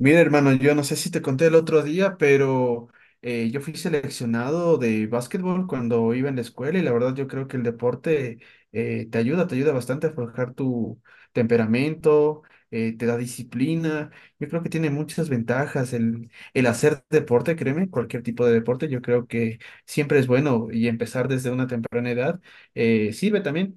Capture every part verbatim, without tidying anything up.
Mira, hermano, yo no sé si te conté el otro día, pero eh, yo fui seleccionado de básquetbol cuando iba en la escuela y la verdad yo creo que el deporte eh, te ayuda, te ayuda bastante a forjar tu temperamento, eh, te da disciplina. Yo creo que tiene muchas ventajas el, el hacer deporte, créeme, cualquier tipo de deporte, yo creo que siempre es bueno y empezar desde una temprana edad eh, sirve también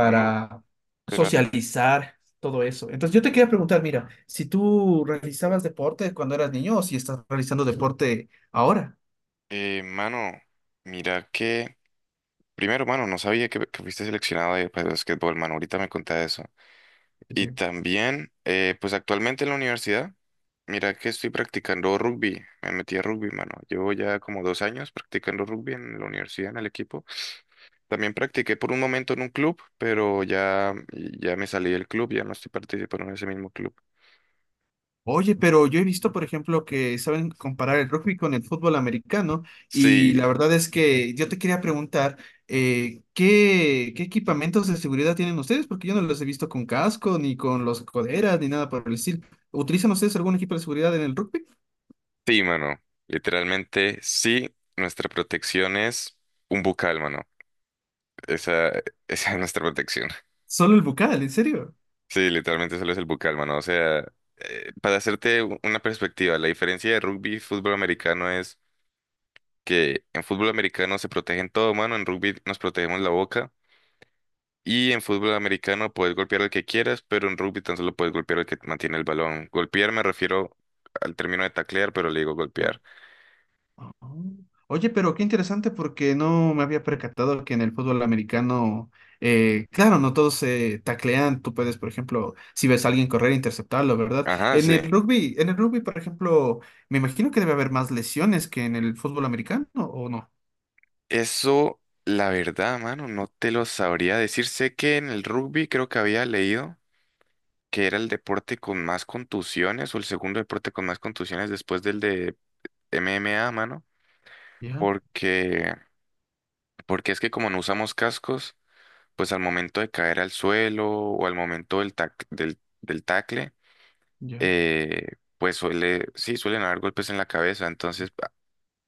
Mano, espera, socializar todo eso. Entonces yo te quería preguntar, mira, si tú realizabas deporte cuando eras niño o si estás realizando deporte ahora. eh, mano, mira que, primero, mano, no sabía que, que fuiste seleccionado ahí para el basquetbol, mano, ahorita me contaste eso. Sí. Y también, eh, pues actualmente en la universidad, mira que estoy practicando rugby, me metí a rugby, mano. Llevo ya como dos años practicando rugby en la universidad, en el equipo. También practiqué por un momento en un club, pero ya, ya me salí del club, ya no estoy participando en ese mismo club. Oye, pero yo he visto, por ejemplo, que saben comparar el rugby con el fútbol americano y Sí, la verdad es que yo te quería preguntar, eh, ¿qué, qué equipamientos de seguridad tienen ustedes? Porque yo no los he visto con casco, ni con los coderas, ni nada por el estilo. ¿Utilizan ustedes algún equipo de seguridad en el rugby? sí, mano, literalmente sí, nuestra protección es un bucal, mano. Esa, esa es nuestra protección. Solo el bucal, ¿en serio? Sí, literalmente solo es el bucal, mano. O sea, eh, para hacerte u- una perspectiva, la diferencia de rugby y fútbol americano es que en fútbol americano se protegen todo, mano. En rugby nos protegemos la boca. Y en fútbol americano puedes golpear al que quieras, pero en rugby tan solo puedes golpear al que mantiene el balón. Golpear me refiero al término de taclear, pero le digo golpear. Ah. Oye, pero qué interesante porque no me había percatado que en el fútbol americano, eh, claro, no todos se taclean. Tú puedes, por ejemplo, si ves a alguien correr, interceptarlo, ¿verdad? Ajá, En sí. el rugby, en el rugby, por ejemplo, me imagino que debe haber más lesiones que en el fútbol americano, ¿o no? Eso, la verdad, mano, no te lo sabría decir. Sé que en el rugby creo que había leído. que era el deporte con más contusiones o el segundo deporte con más contusiones después del de M M A, mano, Ya, porque porque es que como no usamos cascos, pues al momento de caer al suelo o al momento del tac- del, del tacle, ya. eh, pues suele, sí, suelen haber golpes en la cabeza, entonces pa-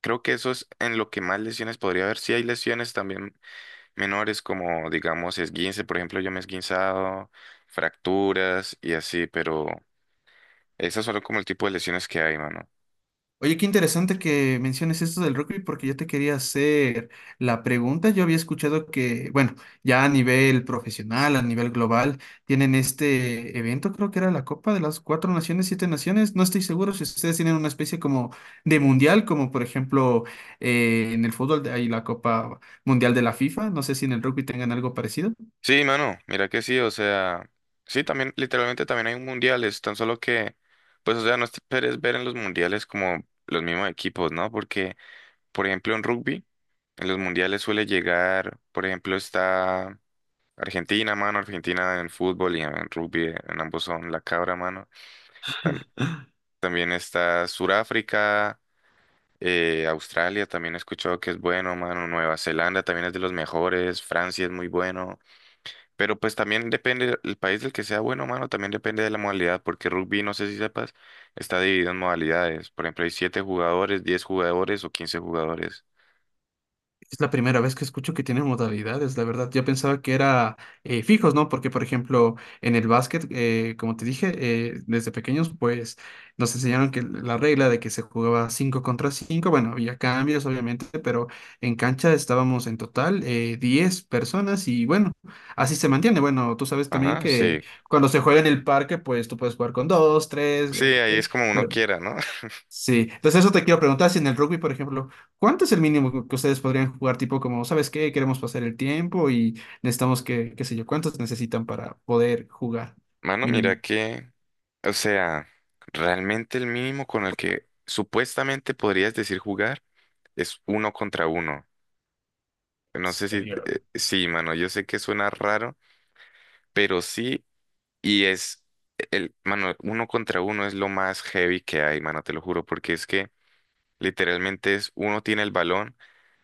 creo que eso es en lo que más lesiones podría haber. Sí hay lesiones también menores como digamos esguince, por ejemplo, yo me he esguinzado, fracturas y así, pero esas son como el tipo de lesiones que hay, mano. Oye, qué interesante que menciones esto del rugby porque yo te quería hacer la pregunta. Yo había escuchado que, bueno, ya a nivel profesional, a nivel global, tienen este evento, creo que era la Copa de las Cuatro Naciones, Siete Naciones. No estoy seguro si ustedes tienen una especie como de mundial, como por ejemplo eh, en el fútbol hay la Copa Mundial de la FIFA. No sé si en el rugby tengan algo parecido. Sí, mano, mira que sí, o sea, sí, también, literalmente también hay mundiales, tan solo que, pues, o sea, no esperes ver en los mundiales como los mismos equipos, ¿no? Porque, por ejemplo, en rugby, en los mundiales suele llegar, por ejemplo, está Argentina, mano, Argentina en fútbol y en rugby, en ambos son la cabra, mano. Tam- también está Suráfrica, eh, Australia, también he escuchado que es bueno, mano, Nueva Zelanda también es de los mejores, Francia es muy bueno. Pero pues también depende el país del que sea bueno, mano, también depende de la modalidad, porque rugby, no sé si sepas, está dividido en modalidades. Por ejemplo, hay siete jugadores, diez jugadores o quince jugadores. Es la primera vez que escucho que tiene modalidades, la verdad. Yo pensaba que era eh, fijos, ¿no? Porque, por ejemplo, en el básquet, eh, como te dije, eh, desde pequeños, pues nos enseñaron que la regla de que se jugaba cinco contra cinco bueno, había cambios, obviamente, pero en cancha estábamos en total eh, diez personas y bueno, así se mantiene. Bueno, tú sabes también Ajá, que sí. cuando se juega en el parque, pues tú puedes jugar con dos tres Sí, ok, ahí es como uno pero quiera, ¿no? sí, entonces eso te quiero preguntar si en el rugby, por ejemplo, ¿cuánto es el mínimo que ustedes podrían jugar? Tipo como, ¿sabes qué? Queremos pasar el tiempo y necesitamos que, qué sé yo, ¿cuántos necesitan para poder jugar Mano, mira mínimo? que, o sea, realmente el mínimo con el que supuestamente podrías decir jugar es uno contra uno. No sé si, eh, sí, mano, yo sé que suena raro, pero sí. Y es, el, mano, uno contra uno es lo más heavy que hay, mano, te lo juro, porque es que literalmente es, uno tiene el balón,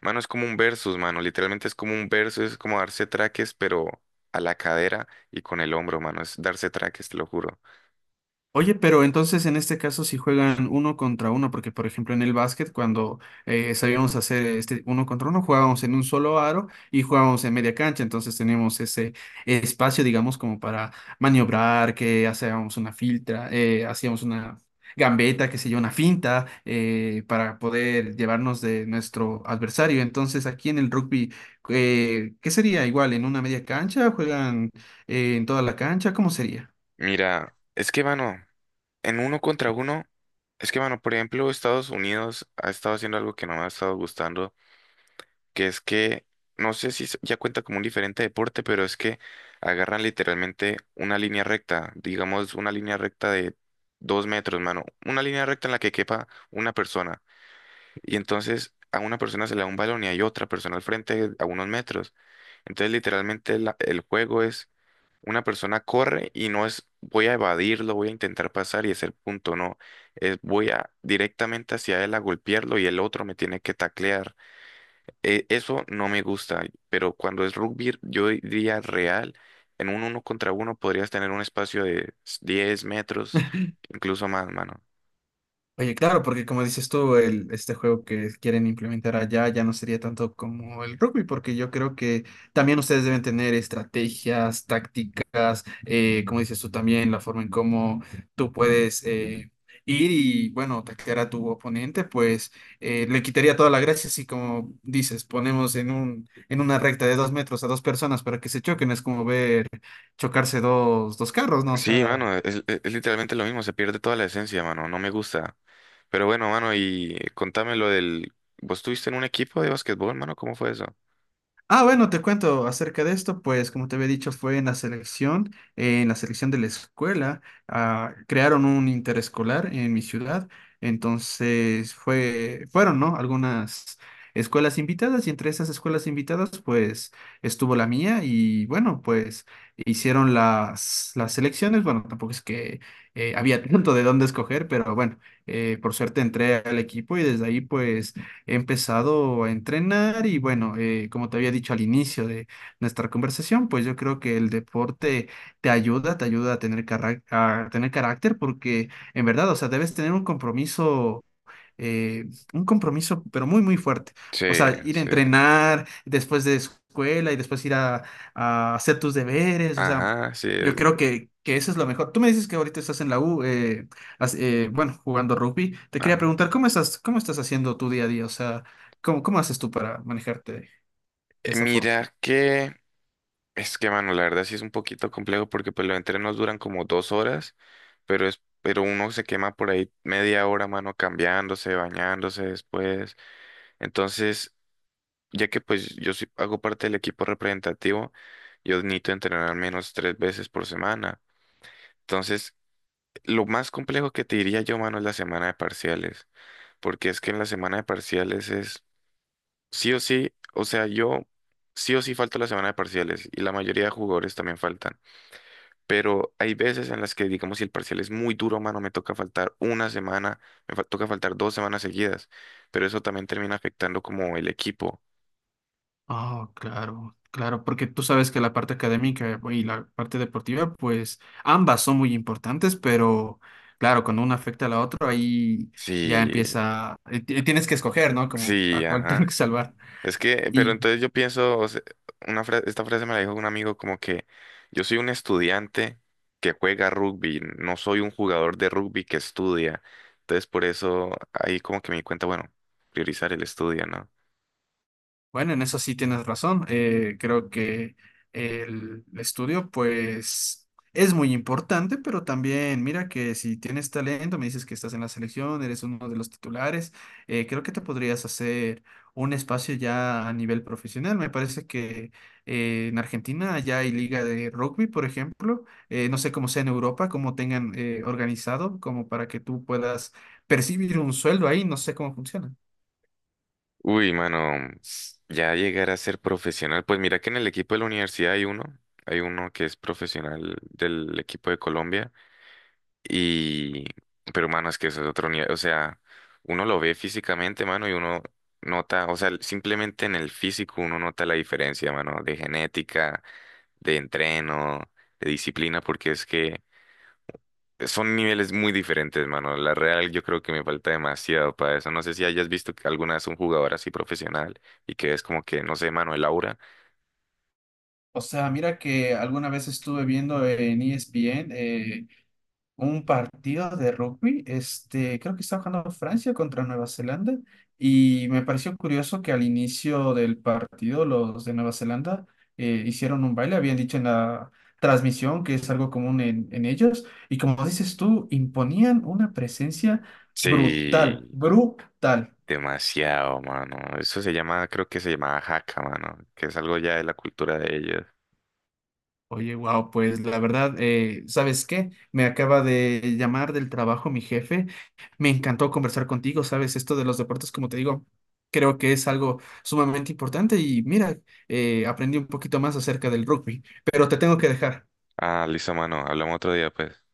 mano, es como un versus, mano, literalmente es como un versus, es como darse traques, pero a la cadera y con el hombro, mano, es darse traques, te lo juro. Oye, pero entonces en este caso si juegan uno contra uno, porque por ejemplo en el básquet cuando eh, sabíamos hacer este uno contra uno, jugábamos en un solo aro y jugábamos en media cancha, entonces teníamos ese espacio, digamos, como para maniobrar, que hacíamos una filtra, eh, hacíamos una gambeta, qué sé yo, una finta, eh, para poder llevarnos de nuestro adversario. Entonces aquí en el rugby, eh, ¿qué sería igual? ¿En una media cancha? ¿Juegan eh, en toda la cancha? ¿Cómo sería? Mira, es que, mano, en uno contra uno, es que, mano, por ejemplo, Estados Unidos ha estado haciendo algo que no me ha estado gustando que es que, no sé si se- ya cuenta como un diferente deporte, pero es que agarran literalmente una línea recta, digamos una línea recta de dos metros, mano, una línea recta en la que quepa una persona, y entonces a una persona se le da un balón y hay otra persona al frente a unos metros. Entonces literalmente la- el juego es una persona corre y no es voy a evadirlo, voy a intentar pasar y hacer punto, no, es voy a directamente hacia él a golpearlo y el otro me tiene que taclear. E- Eso no me gusta, pero cuando es rugby, yo diría real, en un uno contra uno podrías tener un espacio de diez metros, incluso más, mano. Oye, claro, porque como dices tú, el, este juego que quieren implementar allá ya no sería tanto como el rugby, porque yo creo que también ustedes deben tener estrategias, tácticas, eh, como dices tú también, la forma en cómo tú puedes eh, ir y, bueno, atacar a tu oponente, pues eh, le quitaría toda la gracia si, como dices, ponemos en un, en una recta de dos metros a dos personas para que se choquen, es como ver chocarse dos, dos carros, ¿no? O Sí, sea... mano, es, es- es literalmente lo mismo, se pierde toda la esencia, mano, no me gusta. Pero bueno, mano, y contame lo del... ¿Vos estuviste en un equipo de basquetbol, mano? ¿Cómo fue eso? Ah, bueno, te cuento acerca de esto, pues como te había dicho, fue en la selección, eh, en la selección de la escuela, ah, crearon un interescolar en mi ciudad, entonces fue, fueron, ¿no? Algunas escuelas invitadas y entre esas escuelas invitadas, pues estuvo la mía y bueno, pues hicieron las, las selecciones, bueno, tampoco es que eh, había tanto de dónde escoger, pero bueno, eh, por suerte entré al equipo y desde ahí, pues he empezado a entrenar y bueno, eh, como te había dicho al inicio de nuestra conversación, pues yo creo que el deporte te ayuda, te ayuda a tener, carac- a tener carácter porque en verdad, o sea, debes tener un compromiso eh, un compromiso, pero muy, muy fuerte. O Sí, sea, ir a sí. entrenar después de escuela y después ir a, a hacer tus deberes. O sea, Ajá, sí. yo es- creo que, que eso es lo mejor. Tú me dices que ahorita estás en la U, eh, has- eh, bueno, jugando rugby. Te quería Ajá. preguntar, ¿cómo estás, cómo estás haciendo tu día a día? O sea, ¿cómo, cómo haces tú para manejarte de Eh, esa forma? Mira que... Es que, mano, la verdad sí es un poquito complejo porque pues los entrenos duran como dos horas, pero es, pero uno se quema por ahí media hora, mano, cambiándose, bañándose después. Entonces, ya que pues yo sí hago parte del equipo representativo, yo necesito entrenar al menos tres veces por semana. Entonces, lo más complejo que te diría yo, mano, es la semana de parciales, porque es que en la semana de parciales es sí o sí, o sea, yo sí o sí falto la semana de parciales y la mayoría de jugadores también faltan. pero hay veces en las que, digamos, si el parcial es muy duro, mano, me toca faltar una semana, me fa- toca faltar dos semanas seguidas, pero eso también termina afectando como el equipo. Ah, claro, claro, porque tú sabes que la parte académica y la parte deportiva, pues ambas son muy importantes, pero claro, cuando una afecta a la otra, ahí ya Sí, empieza, eh, ti- tienes que escoger, ¿no? Como sí, a cuál tengo ajá. que salvar. Es que, pero entonces yo pienso, o sea, una fra- esta frase me la dijo un amigo como que yo soy un estudiante que juega rugby, no soy un jugador de rugby que estudia. Entonces por eso ahí como que me di cuenta, bueno, priorizar el estudio, ¿no? Bueno, en eso sí tienes razón. Eh, creo que el estudio, pues, es muy importante, pero también mira que si tienes talento, me dices que estás en la selección, eres uno de los titulares, eh, creo que te podrías hacer un espacio ya a nivel profesional. Me parece que eh, en Argentina ya hay liga de rugby, por ejemplo. Eh, no sé cómo sea en Europa, cómo tengan eh, organizado, como para que tú puedas percibir un sueldo ahí. No sé cómo funciona. Uy, mano, ya llegar a ser profesional. Pues mira que en el equipo de la universidad hay uno, hay uno que es profesional del equipo de Colombia y, pero mano, es que eso es otro nivel, o sea, uno lo ve físicamente, mano, y uno nota, o sea, simplemente en el físico uno nota la diferencia, mano, de genética, de entreno, de disciplina, porque es que son niveles muy diferentes, mano. La real yo creo que me falta demasiado para eso. No sé si hayas visto que alguna vez un jugador así profesional y que es como que, no sé, mano, el aura. O sea, mira que alguna vez estuve viendo en E S P N eh, un partido de rugby, este, creo que estaba jugando Francia contra Nueva Zelanda, y me pareció curioso que al inicio del partido los de Nueva Zelanda eh, hicieron un baile, habían dicho en la transmisión que es algo común en, en ellos, y como dices tú, imponían una presencia brutal, Sí, brutal. demasiado, mano. Eso se llama, creo que se llama jaca, mano, que es algo ya de la cultura de ellos. Oye, wow, pues la verdad, eh, ¿sabes qué? Me acaba de llamar del trabajo mi jefe. Me encantó conversar contigo, ¿sabes? Esto de los deportes, como te digo, creo que es algo sumamente importante y mira, eh, aprendí un poquito más acerca del rugby, pero te tengo que dejar. Ah, listo, mano. Hablamos otro día, pues.